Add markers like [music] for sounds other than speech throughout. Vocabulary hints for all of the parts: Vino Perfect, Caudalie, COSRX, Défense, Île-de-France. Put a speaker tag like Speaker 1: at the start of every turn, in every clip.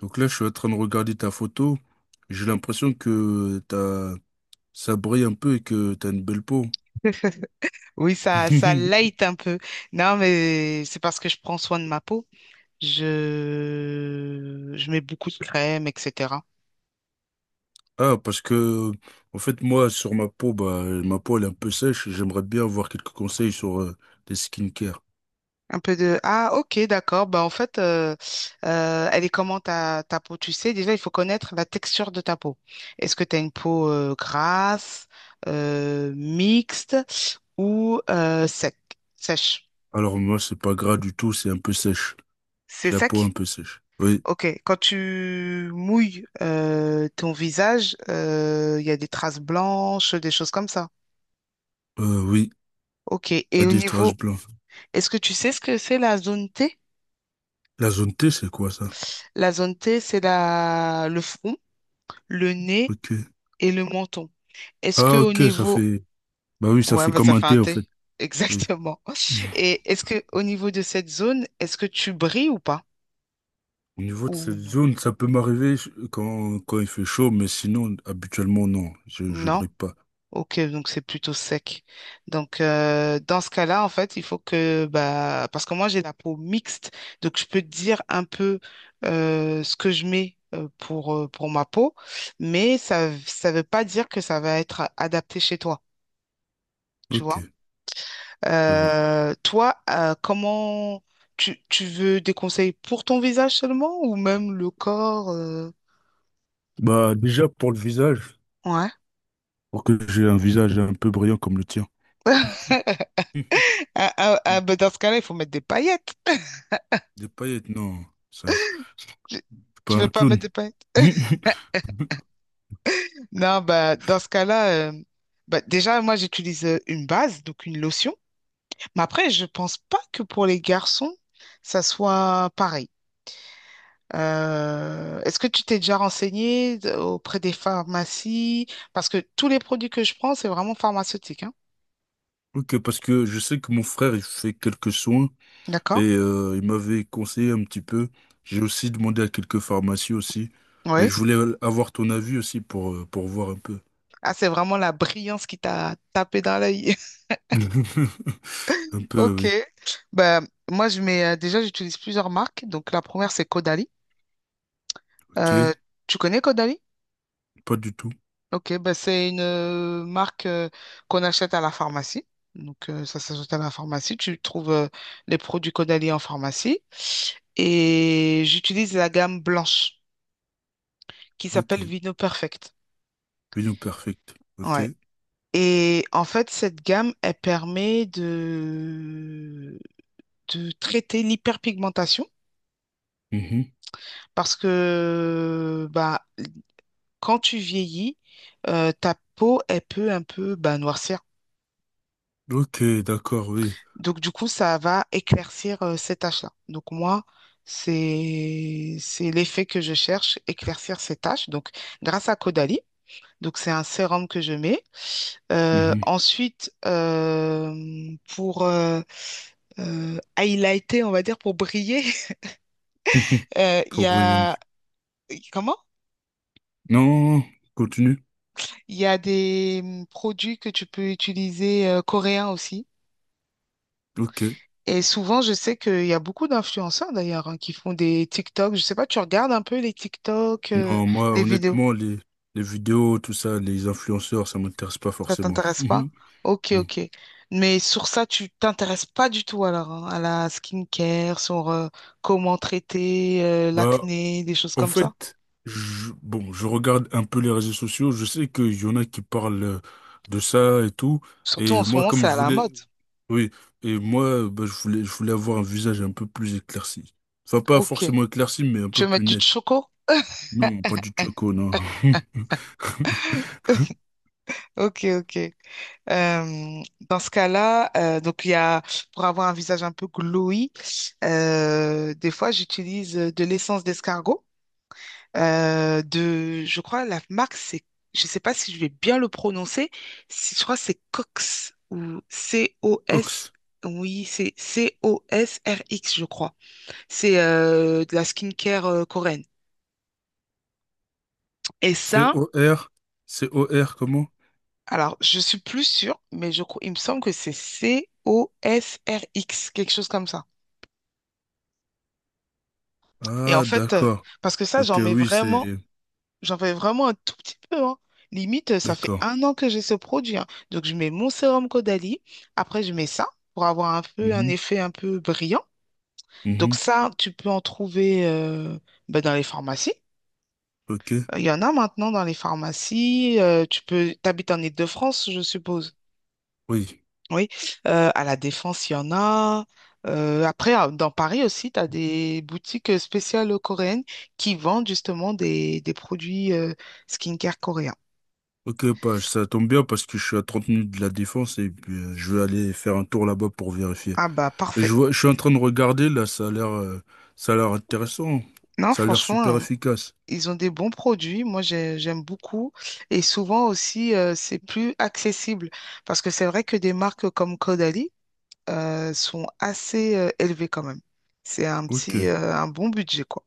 Speaker 1: Donc là, je suis en train de regarder ta photo. J'ai l'impression que ça brille un peu et que t'as une belle peau.
Speaker 2: Oui, ça light
Speaker 1: [laughs]
Speaker 2: un peu. Non, mais c'est parce que je prends soin de ma peau. Je mets beaucoup de crème, etc.
Speaker 1: Ah, parce que, en fait, moi, sur ma peau, bah, ma peau, elle est un peu sèche. J'aimerais bien avoir quelques conseils sur les skincare.
Speaker 2: Un peu de... Ah, ok, d'accord. Bah, en fait, elle est comment ta peau? Tu sais, déjà, il faut connaître la texture de ta peau. Est-ce que tu as une peau grasse, mixte ou sec, sèche?
Speaker 1: Alors, moi, c'est pas gras du tout, c'est un peu sèche.
Speaker 2: C'est
Speaker 1: J'ai la peau un
Speaker 2: sec?
Speaker 1: peu sèche. Oui,
Speaker 2: Ok, quand tu mouilles ton visage, il y a des traces blanches, des choses comme ça.
Speaker 1: oui,
Speaker 2: Ok,
Speaker 1: il y a
Speaker 2: et au
Speaker 1: des traces
Speaker 2: niveau,
Speaker 1: blanches.
Speaker 2: est-ce que tu sais ce que c'est la zone T?
Speaker 1: La zone T, c'est quoi ça?
Speaker 2: La zone T, c'est la... le front, le nez
Speaker 1: Ok.
Speaker 2: et le menton. Est-ce que
Speaker 1: Ah,
Speaker 2: au
Speaker 1: ok, ça
Speaker 2: niveau,
Speaker 1: fait, bah oui, ça
Speaker 2: ouais,
Speaker 1: fait
Speaker 2: bah,
Speaker 1: comme
Speaker 2: ça
Speaker 1: un
Speaker 2: fait un
Speaker 1: T, en
Speaker 2: T,
Speaker 1: fait.
Speaker 2: [laughs]
Speaker 1: Oui.
Speaker 2: exactement.
Speaker 1: [laughs]
Speaker 2: Et est-ce que au niveau de cette zone, est-ce que tu brilles ou pas?
Speaker 1: Au niveau de
Speaker 2: Ou
Speaker 1: cette
Speaker 2: non?
Speaker 1: zone, ça peut m'arriver quand il fait chaud, mais sinon, habituellement, non, je
Speaker 2: Non.
Speaker 1: brille pas.
Speaker 2: Ok, donc c'est plutôt sec. Donc dans ce cas-là, en fait, il faut que bah parce que moi j'ai la peau mixte, donc je peux te dire un peu ce que je mets pour ma peau, mais ça veut pas dire que ça va être adapté chez toi, tu
Speaker 1: Ok,
Speaker 2: vois.
Speaker 1: je vois.
Speaker 2: Toi, comment tu veux des conseils pour ton visage seulement ou même le corps
Speaker 1: Bah, déjà pour le visage,
Speaker 2: Ouais.
Speaker 1: pour que j'ai un visage un peu brillant comme le tien.
Speaker 2: [laughs] Ah, ah, ah, bah, dans
Speaker 1: [laughs]
Speaker 2: ce cas-là, il faut mettre des paillettes. [laughs]
Speaker 1: Des paillettes, non,
Speaker 2: Tu
Speaker 1: je suis pas
Speaker 2: tu veux
Speaker 1: un
Speaker 2: pas
Speaker 1: clown.
Speaker 2: mettre des paillettes?
Speaker 1: [laughs]
Speaker 2: Non, bah, dans ce cas-là, bah, déjà, moi, j'utilise une base, donc une lotion. Mais après, je pense pas que pour les garçons, ça soit pareil. Est-ce que tu t'es déjà renseigné auprès des pharmacies? Parce que tous les produits que je prends, c'est vraiment pharmaceutique, hein.
Speaker 1: Ok, parce que je sais que mon frère, il fait quelques soins et
Speaker 2: D'accord?
Speaker 1: il m'avait conseillé un petit peu. J'ai aussi demandé à quelques pharmacies aussi, mais
Speaker 2: Oui.
Speaker 1: je voulais avoir ton avis aussi pour voir un peu.
Speaker 2: Ah, c'est vraiment la brillance qui t'a tapé dans l'œil. [laughs]
Speaker 1: [laughs] Un peu,
Speaker 2: Ok.
Speaker 1: oui.
Speaker 2: Bah, moi, je mets, déjà, j'utilise plusieurs marques. Donc, la première, c'est Caudalie.
Speaker 1: Ok,
Speaker 2: Euh, tu connais Caudalie?
Speaker 1: pas du tout.
Speaker 2: Ok, ben c'est une marque qu'on achète à la pharmacie. Donc, ça s'ajoute à la pharmacie. Tu trouves les produits Caudalie en pharmacie. Et j'utilise la gamme blanche qui
Speaker 1: Ok,
Speaker 2: s'appelle Vino Perfect.
Speaker 1: Union Perfect.
Speaker 2: Ouais.
Speaker 1: Ok.
Speaker 2: Et en fait, cette gamme, elle permet de traiter l'hyperpigmentation
Speaker 1: Mhm.
Speaker 2: parce que bah, quand tu vieillis, ta peau, elle peut un peu bah, noircir.
Speaker 1: Ok, d'accord, oui.
Speaker 2: Donc, du coup, ça va éclaircir ces tâches-là. Donc, moi, c'est l'effet que je cherche, éclaircir ces tâches. Donc, grâce à Caudalie, donc c'est un sérum que je mets. Euh,
Speaker 1: Mhm.
Speaker 2: ensuite, euh, pour highlighter, on va dire, pour briller, [laughs]
Speaker 1: [laughs]
Speaker 2: il y
Speaker 1: Pour Williams.
Speaker 2: a... Comment?
Speaker 1: Non, continue.
Speaker 2: Il y a des produits que tu peux utiliser coréens aussi.
Speaker 1: Ok.
Speaker 2: Et souvent, je sais qu'il y a beaucoup d'influenceurs d'ailleurs hein, qui font des TikTok. Je sais pas, tu regardes un peu les TikTok,
Speaker 1: Non, moi,
Speaker 2: les vidéos.
Speaker 1: honnêtement, les vidéos, tout ça, les influenceurs, ça m'intéresse pas
Speaker 2: Ça
Speaker 1: forcément.
Speaker 2: t'intéresse pas?
Speaker 1: Mhm.
Speaker 2: Ok,
Speaker 1: Non.
Speaker 2: ok. Mais sur ça, tu t'intéresses pas du tout alors hein, à la skincare, sur comment traiter
Speaker 1: Bah,
Speaker 2: l'acné, des choses
Speaker 1: en
Speaker 2: comme ça.
Speaker 1: fait, bon, je regarde un peu les réseaux sociaux. Je sais qu'il y en a qui parlent de ça et tout.
Speaker 2: Surtout
Speaker 1: Et
Speaker 2: en ce
Speaker 1: moi,
Speaker 2: moment,
Speaker 1: comme
Speaker 2: c'est
Speaker 1: je
Speaker 2: à la mode.
Speaker 1: voulais, oui, et moi, bah, je voulais avoir un visage un peu plus éclairci. Enfin, pas
Speaker 2: Ok.
Speaker 1: forcément éclairci, mais un
Speaker 2: Tu
Speaker 1: peu
Speaker 2: veux mettre
Speaker 1: plus
Speaker 2: du
Speaker 1: net.
Speaker 2: choco?
Speaker 1: Non, pas du choco, non. [laughs]
Speaker 2: [laughs] Ok, ok. Euh, dans ce cas-là, donc il y a pour avoir un visage un peu glowy, des fois j'utilise de l'essence d'escargot. Je crois la marque c'est, je sais pas si je vais bien le prononcer, si je crois que c'est Cox ou C-O-S.
Speaker 1: Cox.
Speaker 2: Oui, c'est C-O-S-R-X, je crois. C'est de la skincare coréenne. Et ça,
Speaker 1: C-O-R. C-O-R, comment?
Speaker 2: alors je suis plus sûre, mais je crois, il me semble que c'est C-O-S-R-X, quelque chose comme ça. Et en
Speaker 1: Ah,
Speaker 2: fait,
Speaker 1: d'accord.
Speaker 2: parce que ça,
Speaker 1: Ok,
Speaker 2: j'en mets
Speaker 1: oui,
Speaker 2: vraiment,
Speaker 1: c'est.
Speaker 2: j'en fais vraiment un tout petit peu, hein. Limite, ça fait
Speaker 1: D'accord.
Speaker 2: un an que j'ai ce produit, hein. Donc, je mets mon sérum Caudalie. Après, je mets ça pour avoir un peu un
Speaker 1: Mhm,
Speaker 2: effet un peu brillant. Donc,
Speaker 1: mhm,
Speaker 2: ça, tu peux en trouver bah, dans les pharmacies.
Speaker 1: ok.
Speaker 2: Il y en a maintenant dans les pharmacies. Tu peux, t'habites en Île-de-France, je suppose.
Speaker 1: Oui.
Speaker 2: Oui, à la Défense, il y en a. Après, dans Paris aussi, tu as des boutiques spéciales coréennes qui vendent justement des produits skincare coréens.
Speaker 1: Ok, pas, ça tombe bien parce que je suis à 30 minutes de la Défense et puis je vais aller faire un tour là-bas pour vérifier.
Speaker 2: Ah bah
Speaker 1: Je
Speaker 2: parfait.
Speaker 1: vois, je suis en train de regarder là, ça a l'air intéressant,
Speaker 2: Non,
Speaker 1: ça a l'air
Speaker 2: franchement,
Speaker 1: super efficace.
Speaker 2: ils ont des bons produits. Moi, j'aime beaucoup. Et souvent aussi, c'est plus accessible. Parce que c'est vrai que des marques comme Caudalie sont assez élevées quand même. C'est un
Speaker 1: Ok,
Speaker 2: petit, un bon budget, quoi.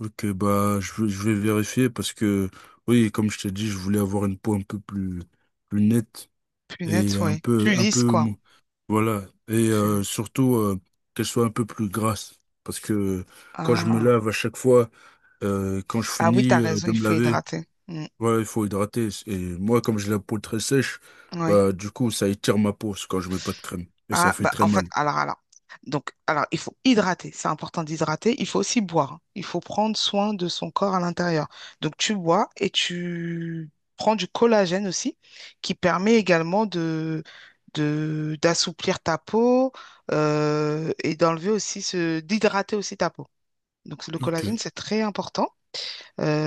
Speaker 1: ok, bah je vais vérifier parce que oui, comme je t'ai dit, je voulais avoir une peau un peu plus nette
Speaker 2: Plus net,
Speaker 1: et un
Speaker 2: oui.
Speaker 1: peu,
Speaker 2: Plus
Speaker 1: un peu,
Speaker 2: lisse, quoi.
Speaker 1: voilà, et
Speaker 2: Plus...
Speaker 1: surtout qu'elle soit un peu plus grasse parce que quand je me
Speaker 2: Ah.
Speaker 1: lave à chaque fois, quand je
Speaker 2: Ah oui,
Speaker 1: finis
Speaker 2: t'as raison,
Speaker 1: de
Speaker 2: il
Speaker 1: me
Speaker 2: faut
Speaker 1: laver.
Speaker 2: hydrater. Mm,
Speaker 1: Ouais, il faut hydrater. Et moi, comme j'ai la peau très sèche,
Speaker 2: oui.
Speaker 1: bah, du coup, ça étire ma peau c'est quand je mets pas de crème. Et ça
Speaker 2: Ah,
Speaker 1: fait
Speaker 2: bah,
Speaker 1: très
Speaker 2: en fait,
Speaker 1: mal.
Speaker 2: alors, alors. Donc, alors, il faut hydrater. C'est important d'hydrater. Il faut aussi boire. Il faut prendre soin de son corps à l'intérieur. Donc, tu bois et tu prends du collagène aussi, qui permet également de, d'assouplir ta peau, et d'enlever aussi ce, d'hydrater aussi ta peau. Donc, le
Speaker 1: Ok.
Speaker 2: collagène, c'est très important.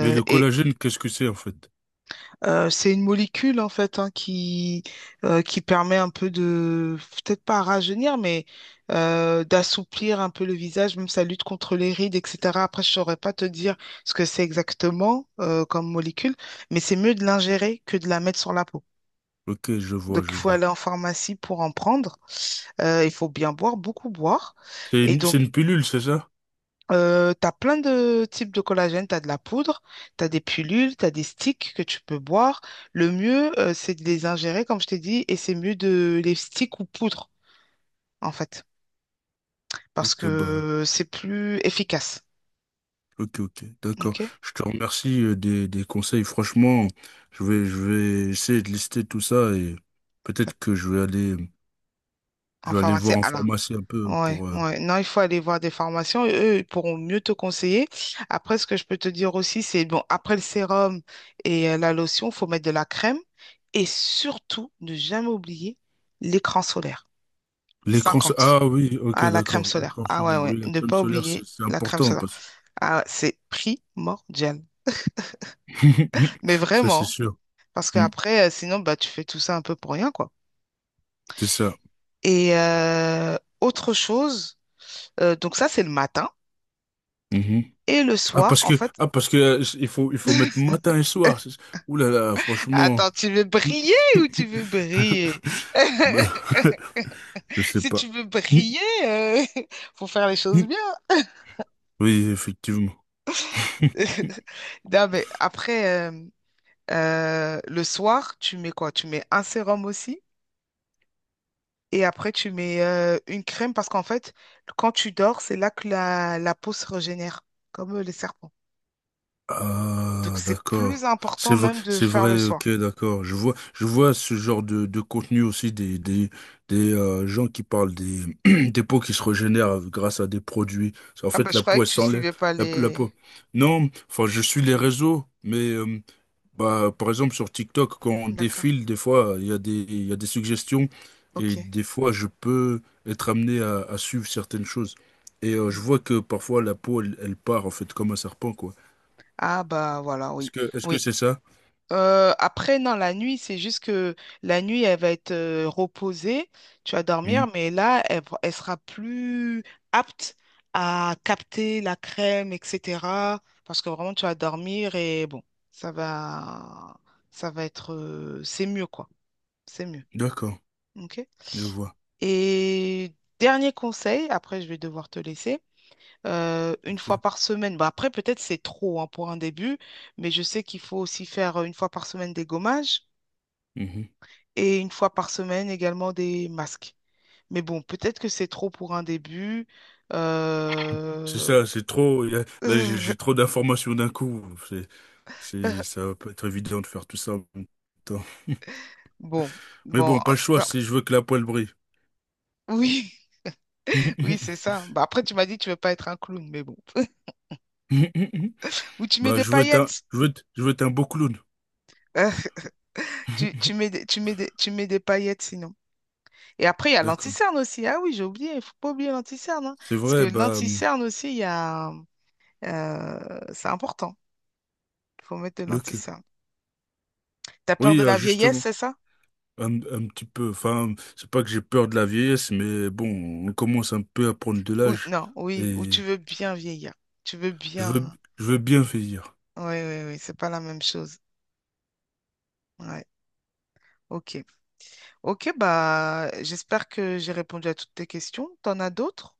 Speaker 1: Mais le
Speaker 2: et,
Speaker 1: collagène, qu'est-ce que c'est, en fait?
Speaker 2: C'est une molécule en fait hein, qui permet un peu de, peut-être pas à rajeunir, mais d'assouplir un peu le visage, même ça lutte contre les rides, etc. Après, je saurais pas te dire ce que c'est exactement comme molécule, mais c'est mieux de l'ingérer que de la mettre sur la peau.
Speaker 1: Ok, je vois,
Speaker 2: Donc, il
Speaker 1: je
Speaker 2: faut
Speaker 1: vois.
Speaker 2: aller en pharmacie pour en prendre. Il faut bien boire, beaucoup boire.
Speaker 1: C'est
Speaker 2: Et
Speaker 1: une, c'est
Speaker 2: donc,
Speaker 1: une pilule, c'est ça?
Speaker 2: t'as plein de types de collagène, t'as de la poudre, t'as des pilules, t'as des sticks que tu peux boire. Le mieux, c'est de les ingérer, comme je t'ai dit, et c'est mieux de les sticks ou poudre, en fait, parce
Speaker 1: Ok, bah,
Speaker 2: que c'est plus efficace.
Speaker 1: ok, ok, d'accord.
Speaker 2: OK?
Speaker 1: Je te remercie des conseils. Franchement, je vais essayer de lister tout ça et peut-être que je vais aller, je
Speaker 2: En
Speaker 1: vais aller
Speaker 2: pharmacie,
Speaker 1: voir en
Speaker 2: ah là.
Speaker 1: pharmacie un peu
Speaker 2: Ouais, ouais. Non, il faut aller voir des formations et eux, ils pourront mieux te conseiller. Après, ce que je peux te dire aussi, c'est bon, après le sérum et la lotion, il faut mettre de la crème et surtout ne jamais oublier l'écran solaire.
Speaker 1: L'écran solaire.
Speaker 2: 50.
Speaker 1: Ah oui, ok,
Speaker 2: Ah, la crème
Speaker 1: d'accord.
Speaker 2: solaire.
Speaker 1: L'écran
Speaker 2: Ah ouais,
Speaker 1: solaire.
Speaker 2: ouais.
Speaker 1: Oui, la
Speaker 2: Ne
Speaker 1: crème
Speaker 2: pas
Speaker 1: solaire, c'est
Speaker 2: oublier
Speaker 1: c'est
Speaker 2: la crème
Speaker 1: important
Speaker 2: solaire.
Speaker 1: parce
Speaker 2: Ah, c'est primordial. Mais
Speaker 1: [laughs] Ça, c'est
Speaker 2: vraiment,
Speaker 1: sûr.
Speaker 2: parce
Speaker 1: Mm,
Speaker 2: qu'après, sinon, bah, tu fais tout ça un peu pour rien, quoi.
Speaker 1: c'est ça.
Speaker 2: Et autre chose, donc ça, c'est le matin.
Speaker 1: Mhm.
Speaker 2: Et le
Speaker 1: Ah,
Speaker 2: soir,
Speaker 1: parce
Speaker 2: en
Speaker 1: que,
Speaker 2: fait,
Speaker 1: ah, parce que, il faut mettre matin et soir.
Speaker 2: [laughs]
Speaker 1: Ouh là là, franchement.
Speaker 2: attends, tu veux briller ou tu veux briller?
Speaker 1: [laughs] Bah, [laughs]
Speaker 2: [laughs]
Speaker 1: je sais
Speaker 2: Si
Speaker 1: pas.
Speaker 2: tu veux
Speaker 1: Mm,
Speaker 2: briller, euh, [laughs] faut faire les choses
Speaker 1: mm.
Speaker 2: bien.
Speaker 1: Oui, effectivement. [laughs]
Speaker 2: [laughs] Non, mais après, le soir, tu mets quoi? Tu mets un sérum aussi. Et après, tu mets une crème parce qu'en fait, quand tu dors, c'est là que la peau se régénère, comme les serpents. Donc,
Speaker 1: Ah,
Speaker 2: c'est plus
Speaker 1: d'accord.
Speaker 2: important même de
Speaker 1: C'est
Speaker 2: faire le
Speaker 1: vrai,
Speaker 2: soin.
Speaker 1: ok, d'accord. Je vois ce genre de contenu aussi des gens qui parlent des, [clears throat] des peaux qui se régénèrent grâce à des produits. En
Speaker 2: Ah bah,
Speaker 1: fait,
Speaker 2: je
Speaker 1: la
Speaker 2: croyais
Speaker 1: peau, elle
Speaker 2: que tu
Speaker 1: s'enlève,
Speaker 2: suivais pas
Speaker 1: la
Speaker 2: les...
Speaker 1: peau. Non, enfin, je suis les réseaux, mais bah, par exemple, sur TikTok, quand on
Speaker 2: D'accord,
Speaker 1: défile, des fois, il y a des suggestions et
Speaker 2: ok.
Speaker 1: des fois, je peux être amené à suivre certaines choses. Et je
Speaker 2: Mm.
Speaker 1: vois que parfois, la peau, elle part, en fait, comme un serpent, quoi.
Speaker 2: Ah bah, voilà,
Speaker 1: Est-ce
Speaker 2: oui.
Speaker 1: que est-ce que
Speaker 2: Oui,
Speaker 1: c'est ça?
Speaker 2: Après, non, la nuit, c'est juste que la nuit, elle va être reposée, tu vas dormir,
Speaker 1: Mhm.
Speaker 2: mais là, elle, elle sera plus apte à capter la crème, etc. Parce que vraiment, tu vas dormir et bon, ça va, ça va être, c'est mieux, quoi. C'est mieux.
Speaker 1: D'accord,
Speaker 2: OK?
Speaker 1: je vois.
Speaker 2: Et dernier conseil, après, je vais devoir te laisser. Une fois
Speaker 1: Ok.
Speaker 2: par semaine, bah après peut-être c'est trop hein, pour un début, mais je sais qu'il faut aussi faire une fois par semaine des gommages.
Speaker 1: Mhm.
Speaker 2: Et une fois par semaine également des masques. Mais bon, peut-être que c'est trop pour un début.
Speaker 1: C'est
Speaker 2: Euh,
Speaker 1: ça, c'est trop. Là, j'ai trop
Speaker 2: [laughs]
Speaker 1: d'informations d'un coup. C'est, Ça va pas être évident de faire tout ça en même temps.
Speaker 2: Bon,
Speaker 1: Mais
Speaker 2: bon,
Speaker 1: bon, pas
Speaker 2: en
Speaker 1: le
Speaker 2: tout
Speaker 1: choix
Speaker 2: cas,
Speaker 1: si je veux que la poêle brille.
Speaker 2: oui, [laughs] oui, c'est ça. Bah, après, tu m'as dit que tu veux pas être un clown, mais bon.
Speaker 1: [laughs]
Speaker 2: [laughs] Ou tu mets
Speaker 1: Bah,
Speaker 2: des
Speaker 1: je veux être un,
Speaker 2: paillettes.
Speaker 1: je veux être un beau clown.
Speaker 2: Euh, tu,
Speaker 1: [laughs]
Speaker 2: tu mets des paillettes sinon. Et après, il y a
Speaker 1: D'accord.
Speaker 2: l'anti-cerne aussi. Ah oui, j'ai oublié, il faut pas oublier l'anti-cerne, hein.
Speaker 1: C'est
Speaker 2: Parce que
Speaker 1: vrai, bah,
Speaker 2: l'anti-cerne aussi, il y a, c'est important. Il faut mettre de
Speaker 1: ok.
Speaker 2: l'anti-cerne. T'as peur
Speaker 1: Oui,
Speaker 2: de la vieillesse,
Speaker 1: justement,
Speaker 2: c'est ça?
Speaker 1: un petit peu. Enfin, c'est pas que j'ai peur de la vieillesse, mais bon, on commence un peu à prendre de
Speaker 2: Ou
Speaker 1: l'âge.
Speaker 2: non, oui, ou tu
Speaker 1: Et.
Speaker 2: veux bien vieillir. Tu veux
Speaker 1: Je veux,
Speaker 2: bien.
Speaker 1: je veux bien finir.
Speaker 2: Oui, oui, oui, c'est pas la même chose. Ouais, ok. Ok, bah, j'espère que j'ai répondu à toutes tes questions. T'en as d'autres?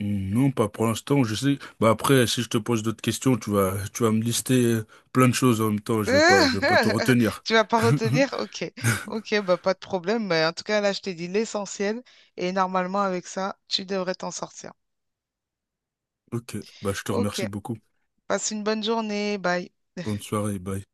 Speaker 1: Non, pas pour l'instant, je sais. Bah après, si je te pose d'autres questions, tu vas me lister plein de choses en même temps. Je vais pas tout
Speaker 2: [laughs]
Speaker 1: retenir.
Speaker 2: Tu vas pas
Speaker 1: [laughs]
Speaker 2: retenir? Ok. Ok, bah, pas de problème. Mais en tout cas, là, je t'ai dit l'essentiel. Et normalement, avec ça, tu devrais t'en sortir.
Speaker 1: Ok, bah je te
Speaker 2: Ok.
Speaker 1: remercie beaucoup.
Speaker 2: Passe une bonne journée. Bye.
Speaker 1: Bonne soirée, bye.